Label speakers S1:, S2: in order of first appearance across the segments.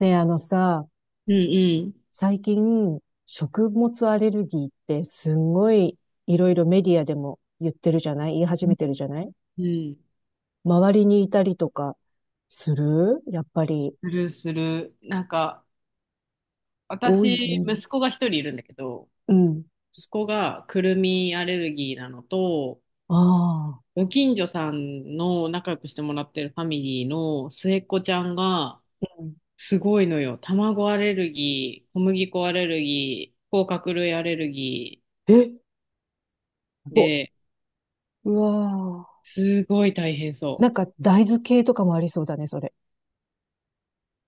S1: ねえ、あのさ、
S2: うんうん
S1: 最近、食物アレルギーってすんごいいろいろメディアでも言ってるじゃない、言い始めてるじゃない。
S2: うん。
S1: 周りにいたりとかする、やっぱ
S2: す
S1: り。
S2: るする。なんか、
S1: 多い。
S2: 私、息子が一人いるんだけど、
S1: うん。
S2: 息子がくるみアレルギーなのと、
S1: ああ。
S2: ご近所さんの仲良くしてもらってるファミリーの末っ子ちゃんが、
S1: うん。
S2: すごいのよ。卵アレルギー、小麦粉アレルギー、甲殻類アレルギ
S1: え、
S2: ー
S1: ぼ、
S2: で、
S1: うわあ。
S2: すごい大変
S1: な
S2: そう。
S1: んか大豆系とかもありそうだね、それ。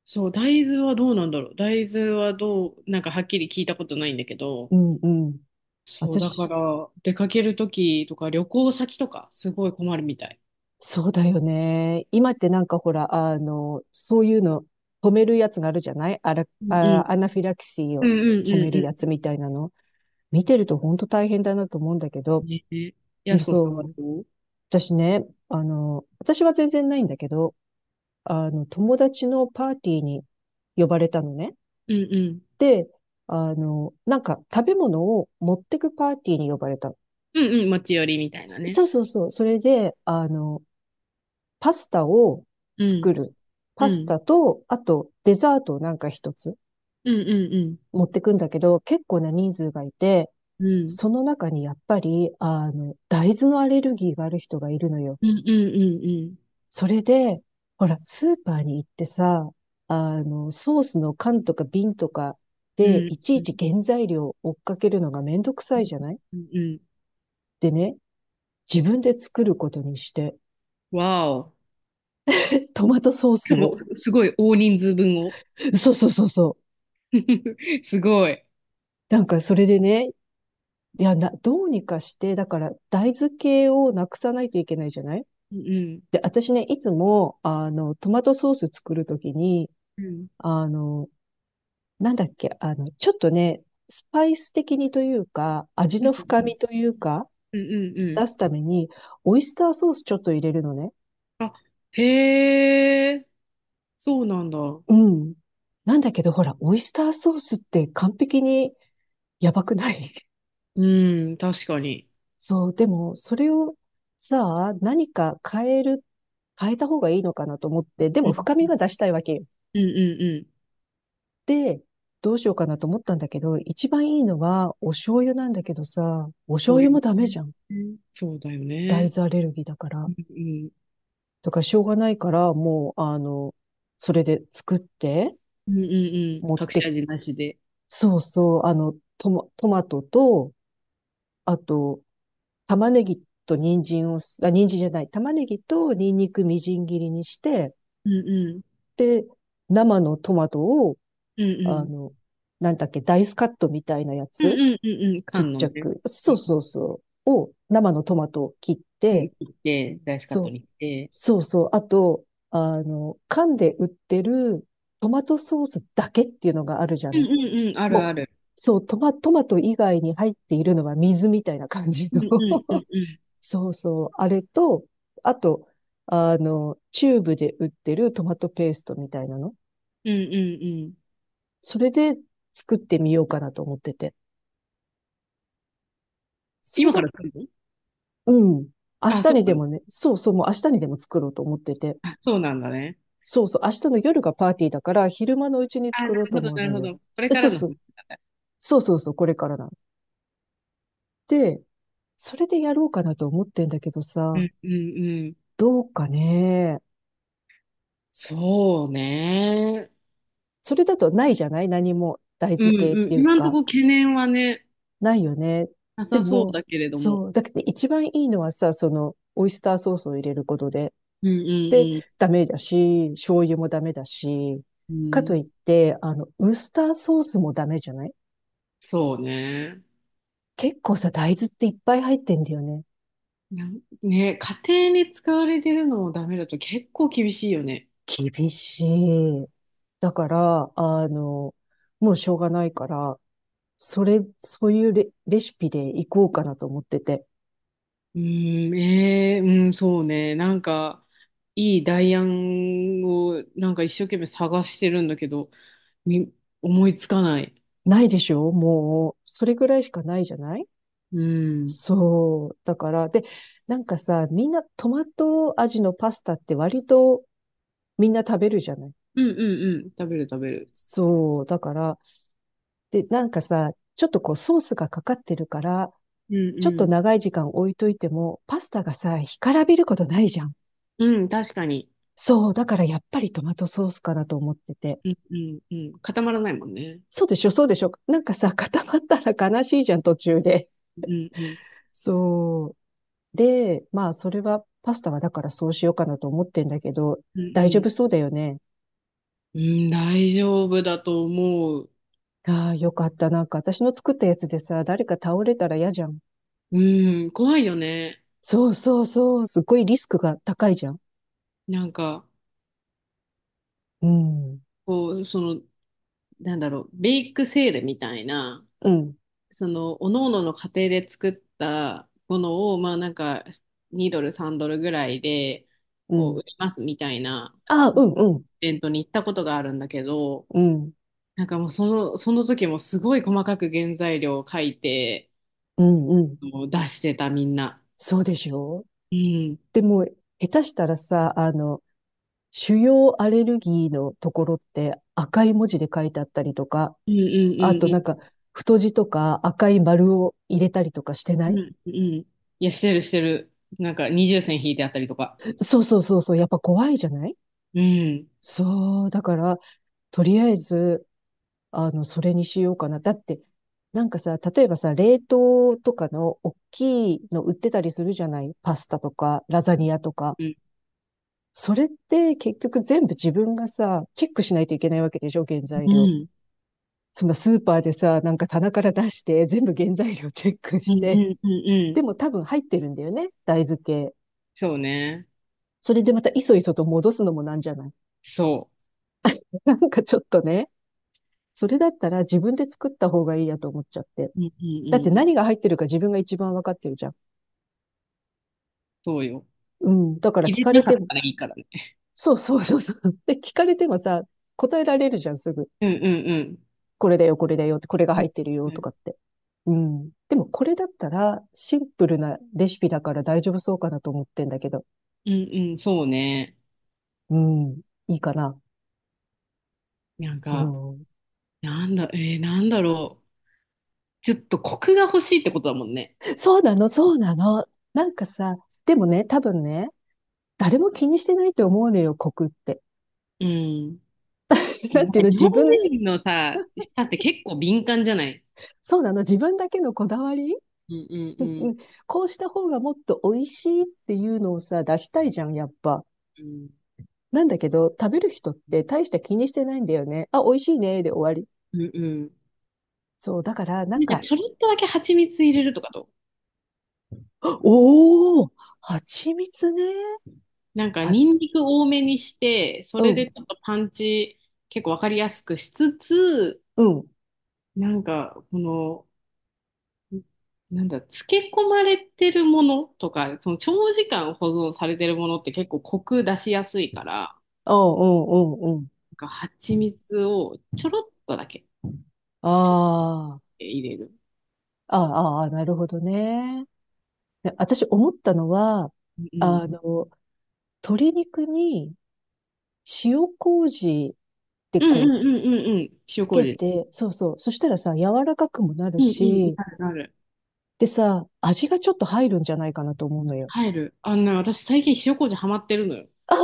S2: そう、大豆はどうなんだろう。大豆はどう、なんかはっきり聞いたことないんだけど、
S1: うん、うん。
S2: そう、だか
S1: 私、
S2: ら、出かけるときとか、旅行先とか、すごい困るみたい。
S1: そうだよね。今ってなんかほら、そういうの止めるやつがあるじゃない。
S2: うんうん。
S1: アナフィラキシー
S2: う
S1: を
S2: んうん
S1: 止
S2: う
S1: め
S2: ん
S1: るや
S2: う
S1: つみたいなの。見てると本当大変だなと思うんだけ
S2: ん。
S1: ど、
S2: ねえ。やすこさん
S1: そ
S2: は
S1: う。
S2: どう？
S1: 私ね、私は全然ないんだけど、友達のパーティーに呼ばれたのね。
S2: うんうん。
S1: で、なんか食べ物を持ってくパーティーに呼ばれたの。
S2: うんうん。持ち寄りみたいなね。
S1: そうそうそう。それで、パスタを
S2: う
S1: 作
S2: ん。
S1: る。パ
S2: う
S1: ス
S2: ん。
S1: タと、あとデザートをなんか一つ
S2: うんうん
S1: 持ってくんだけど、結構な人数がいて、
S2: うん。うん。
S1: その中にやっぱり、大豆のアレルギーがある人がいるのよ。
S2: うんうんうん
S1: それで、ほら、スーパーに行ってさ、ソースの缶とか瓶とか
S2: う
S1: で、
S2: ん。
S1: いち
S2: う
S1: い
S2: ん。う
S1: ち
S2: ん
S1: 原材料を追っかけるのがめんどくさいじゃない。
S2: うんう
S1: でね、自分で作ることにして、
S2: ん。わお。
S1: トマトソース
S2: しか
S1: を、
S2: も、すごい大人数分を。
S1: そうそうそうそう。
S2: すごい。
S1: なんかそれでね、どうにかして、だから大豆系をなくさないといけないじゃない。
S2: うんうん。
S1: で、私ね、いつも、トマトソース作るときに、
S2: うん。
S1: あの、なんだっけ、ちょっとね、スパイス的にというか、味
S2: う
S1: の
S2: んうん
S1: 深
S2: うん。
S1: みというか、
S2: うんうんうん。
S1: 出すために、オイスターソースちょっと入れるのね。
S2: あ、へえ、そうなんだ。
S1: うん。なんだけど、ほら、オイスターソースって完璧にやばくない？
S2: うん、確かに。
S1: そう、でも、それをさあ、何か変える、変えた方がいいのかなと思って、で
S2: う
S1: も
S2: ん、
S1: 深
S2: う
S1: み
S2: ん、
S1: が出したいわけよ。
S2: うん、うんうん。
S1: で、どうしようかなと思ったんだけど、一番いいのはお醤油なんだけどさ、お醤
S2: 醤
S1: 油
S2: 油
S1: も
S2: も
S1: ダメ
S2: ね。
S1: じゃん。
S2: うんそうだよ
S1: 大
S2: ね。
S1: 豆アレルギーだか
S2: う
S1: ら。
S2: ん、
S1: だからしょうがないから、もう、それで作って、
S2: うん、うん、うん。
S1: 持っ
S2: 隠し
S1: て、
S2: 味なしで。
S1: そうそう、トマトと、あと、玉ねぎと人参を、あ、人参じゃない、玉ねぎとニンニクみじん切りにして、
S2: うん、うん、
S1: で、生のトマトを、
S2: うん、う
S1: あ
S2: ん。
S1: の、なんだっけ、ダイスカットみたいなや
S2: うん、
S1: つ
S2: うん、うん、うん。
S1: ちっ
S2: 缶の
S1: ちゃ
S2: ね。
S1: く。
S2: う
S1: そう
S2: ん、う
S1: そ
S2: ん。
S1: うそう。を、生のトマトを切っ
S2: うん、
S1: て、
S2: 切って、ダイスカッ
S1: そ
S2: ト
S1: う、
S2: にして。
S1: そうそう。あと、缶で売ってるトマトソースだけっていうのがあるじゃ
S2: うん、
S1: ない。
S2: うん、うん。ある
S1: も
S2: あ
S1: う、
S2: る。
S1: そう、トマト以外に入っているのは水みたいな感じ
S2: う
S1: の
S2: ん、うん、うん、うん。
S1: そうそう。あれと、あと、チューブで売ってるトマトペーストみたいなの。
S2: うん、うん、うん。
S1: それで作ってみようかなと思ってて。それ
S2: 今
S1: だ、
S2: から作るの？
S1: うん。明
S2: あ、
S1: 日
S2: そ
S1: に
S2: う
S1: で
S2: なの。
S1: もね、そうそう、もう明日にでも作ろうと思ってて。
S2: あ、そうなんだね。
S1: そうそう、明日の夜がパーティーだから、昼間のうちに
S2: あ、な
S1: 作
S2: る
S1: ろうと
S2: ほど、
S1: 思う
S2: な
S1: の
S2: るほ
S1: よ。
S2: ど。これ
S1: え
S2: か
S1: そう
S2: らの話
S1: そう、
S2: なんだ。
S1: そうそうそう、これからなんで、それでやろうかなと思ってんだけど
S2: う
S1: さ、
S2: ん、うん、うん。
S1: どうかね。
S2: そうね。
S1: それだとないじゃない、何も大
S2: うん
S1: 豆系っ
S2: うん。
S1: ていう
S2: 今んと
S1: か、
S2: こ懸念はね、
S1: ないよね。
S2: な
S1: で
S2: さそう
S1: も、
S2: だけれども。
S1: そう。だけど一番いいのはさ、その、オイスターソースを入れることで、
S2: うん
S1: で、
S2: うん
S1: ダメだし、醤油もダメだし、
S2: う
S1: か
S2: ん。うん、
S1: といって、ウスターソースもダメじゃない。
S2: そうね。
S1: 結構さ、大豆っていっぱい入ってんだよね。
S2: なんね、家庭に使われてるのもダメだと結構厳しいよね。
S1: 厳しい。だから、もうしょうがないから、それ、そういうレ、レシピでいこうかなと思ってて。
S2: うん、うん、そうね。なんか、いい代案をなんか一生懸命探してるんだけど、み、思いつかない。
S1: ないでしょもう、それぐらいしかないじゃない。
S2: うん。
S1: そう。だから、で、なんかさ、みんなトマト味のパスタって割とみんな食べるじゃない。
S2: うんうんうん。食べる食べる。
S1: そう。だから、で、なんかさ、ちょっとこうソースがかかってるから、
S2: うん
S1: ちょっ
S2: う
S1: と
S2: ん。
S1: 長い時間置いといても、パスタがさ、干からびることないじゃん。
S2: うん、確かに。
S1: そう、だからやっぱりトマトソースかなと思ってて。
S2: うんうんうん。固まらないもんね。
S1: そうでしょ、そうでしょ。なんかさ、固まったら悲しいじゃん、途中で。
S2: うんうん。
S1: そう。で、まあ、それは、パスタはだからそうしようかなと思ってんだけど、
S2: うん
S1: 大丈
S2: う
S1: 夫
S2: ん。
S1: そうだよね。
S2: うん、大丈夫だと思う。
S1: ああ、よかった。なんか私の作ったやつでさ、誰か倒れたら嫌じゃん。
S2: うん、怖いよね。
S1: そうそうそう。すっごいリスクが高いじゃん。
S2: なんか、
S1: うん。
S2: こう、その、なんだろう、ベイクセールみたいな、
S1: うん。
S2: その、各々のの家庭で作ったものを、まあなんか、2ドル、3ドルぐらいで、
S1: う
S2: こう、
S1: ん。
S2: 売りますみたいな
S1: ああ、
S2: イ
S1: うん、うん、
S2: ベントに行ったことがあるんだけど、
S1: うん、
S2: なんかもうその、その時もすごい細かく原材料を書いて、
S1: うん、うん。
S2: もう出してたみんな。
S1: そうでしょう。
S2: うん。
S1: でも、下手したらさ、主要アレルギーのところって赤い文字で書いてあったりとか、
S2: うんうん
S1: あとなん
S2: うん
S1: か、太字とか赤い丸を入れたりとかしてな
S2: うん、
S1: い？
S2: うん。いや、してる、してる。なんか、二重線引いてあったりとか。
S1: そうそうそうそう、やっぱ怖いじゃない。
S2: うん、
S1: そう、だから、とりあえず、それにしようかな。だって、なんかさ、例えばさ、冷凍とかの大きいの売ってたりするじゃない、パスタとか、ラザニアとか。
S2: うん、
S1: それって結局全部自分がさ、チェックしないといけないわけでしょ、原材
S2: う
S1: 料。
S2: ん、
S1: そんなスーパーでさ、なんか棚から出して、全部原材料チェック
S2: う
S1: し
S2: ん、う
S1: て。
S2: ん、うん。う
S1: で
S2: ん
S1: も多分入ってるんだよね、大豆系。
S2: そうね。
S1: それでまたいそいそと戻すのもなんじゃない。
S2: そ
S1: なんかちょっとね。それだったら自分で作った方がいいやと思っちゃって。
S2: う。うん、う
S1: だって
S2: ん、うん。
S1: 何が入ってるか自分が一番わかってるじゃん。
S2: そうよ。
S1: うん。だから
S2: 入
S1: 聞
S2: れ
S1: か
S2: てな
S1: れ
S2: かっ
S1: ても、
S2: たらいいからね。
S1: そうそうそうそう。で、聞かれてもさ、答えられるじゃん、すぐ。
S2: うん、うん、うん。
S1: これだよ、これだよって、これが入ってる
S2: う
S1: よと
S2: ん、
S1: かって。うん。でもこれだったらシンプルなレシピだから大丈夫そうかなと思ってんだけど。
S2: うん、うんそうね。
S1: うん。いいかな。
S2: なんか、
S1: そ
S2: なんだろう。ちょっとコクが欲しいってことだもんね。
S1: う。そうなの、そうなの。なんかさ、でもね、多分ね、誰も気にしてないと思うのよ、コクって。
S2: うん。な
S1: な
S2: ん
S1: んてい
S2: か
S1: うの、
S2: 日本
S1: 自分、
S2: 人のさ、舌って結構敏感じゃない？
S1: そうなの、自分だけのこだわり、
S2: うん、うん、うん。
S1: こうした方がもっと美味しいっていうのをさ、出したいじゃん、やっぱ。
S2: うん、
S1: なんだけど、食べる人って大した気にしてないんだよね。あ、美味しいね、で終わり。
S2: うん、うん。
S1: そう、だから、なん
S2: なんか
S1: か、
S2: ちょろっとだけ蜂蜜入れるとかと。
S1: おー、蜂蜜ね。
S2: なんか
S1: は、
S2: ニンニク多めにして、そ
S1: う
S2: れで
S1: ん、
S2: ちょっとパンチ結構わかりやすくしつつ、
S1: うん。
S2: なんかこの、なんだ、漬け込まれてるものとか、その長時間保存されてるものって結構コク出しやすいから、
S1: ああ、うん、うん、うん。
S2: なんか蜂蜜をちょろっとだけ、
S1: あ
S2: ちょっと
S1: ー、
S2: 入れる。
S1: ああ、あ、なるほどね。で私思ったのは、
S2: うん。
S1: あの、鶏肉に塩麹って
S2: うん
S1: こ
S2: うん
S1: う
S2: うんうんうん。塩
S1: つけ
S2: 麹。
S1: て、そうそう。そしたらさ、柔らかくもなる
S2: うんうん。
S1: し、
S2: なるなる。
S1: でさ、味がちょっと入るんじゃないかなと思うのよ。
S2: 入る。あのね、私最近塩麹ハマってるのよ。
S1: ああ、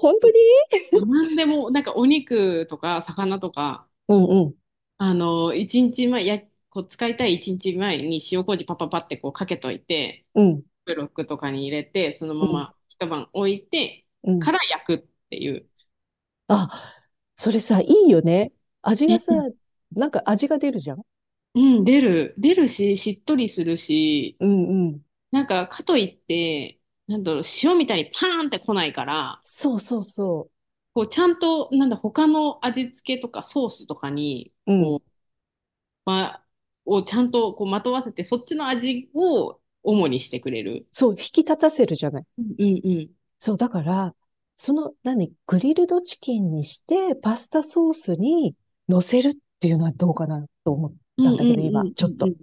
S1: 本当に？
S2: 何でも、なんかお肉とか魚とか、
S1: うんうん、
S2: あの、一日前、や、こう使いたい一日前に塩麹パパパってこうかけといて、
S1: うん、
S2: ブロックとかに入れて、その
S1: う
S2: ま
S1: ん、
S2: ま一晩置いて
S1: う
S2: か
S1: ん。
S2: ら焼くっていう。
S1: あ、それさ、いいよね。味がさ、
S2: い
S1: なんか味が出るじゃん。
S2: うん、出る。出るし、しっとりするし、
S1: うんうん。
S2: なんかかといって、なんだろう、塩みたいにパーンって来ないから、
S1: そうそうそ
S2: こうちゃんと、なんだ、他の味付けとかソースとかに、
S1: う。うん。
S2: ま、をちゃんとこうまとわせて、そっちの味を主にしてくれる。
S1: そう、引き立たせるじゃない。
S2: うんうんうん。
S1: そう、だから、その、何、グリルドチキンにして、パスタソースに乗せるっていうのはどうかなと思っ
S2: うん
S1: たんだけ
S2: う
S1: ど、
S2: んう
S1: 今、
S2: ん
S1: ち
S2: う
S1: ょっ
S2: んう
S1: と。
S2: ん。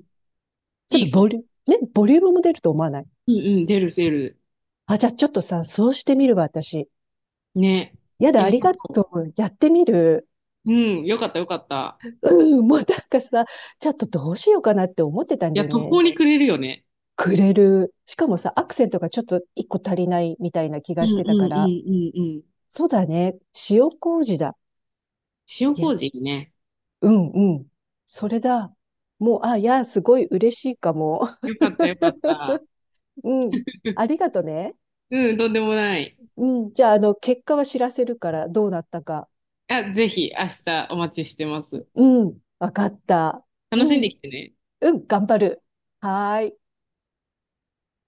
S2: いいかも。
S1: ボリュームも出ると思わない？
S2: うんうん、出る出る。
S1: あ、じゃあちょっとさ、そうしてみるわ、私。
S2: ね。
S1: やだ、あ
S2: よさ
S1: りが
S2: そ
S1: とう。やってみる。
S2: う。うん、よかったよかった。
S1: うん、もうなんかさ、ちょっとどうしようかなって思ってたん
S2: い
S1: だ
S2: や、
S1: よ
S2: 途
S1: ね。
S2: 方に暮れるよね。
S1: くれる。しかもさ、アクセントがちょっと一個足りないみたいな気
S2: う
S1: が
S2: ん
S1: し
S2: うん
S1: て
S2: う
S1: たから、
S2: んうんうん。
S1: そうだね。塩麹だ。
S2: 塩
S1: いや、
S2: 麹ね。
S1: うんうん。それだ。もう、あ、いや、すごい嬉しいかも。
S2: よかったよかった。
S1: うん。ありがとね。
S2: うん、とんでもない。
S1: うん。じゃあ、結果は知らせるから、どうなったか。
S2: あ、ぜひ明日お待ちしてます。
S1: うん。わかった。
S2: 楽し
S1: う
S2: ん
S1: ん。
S2: できてね。
S1: うん。頑張る。はーい。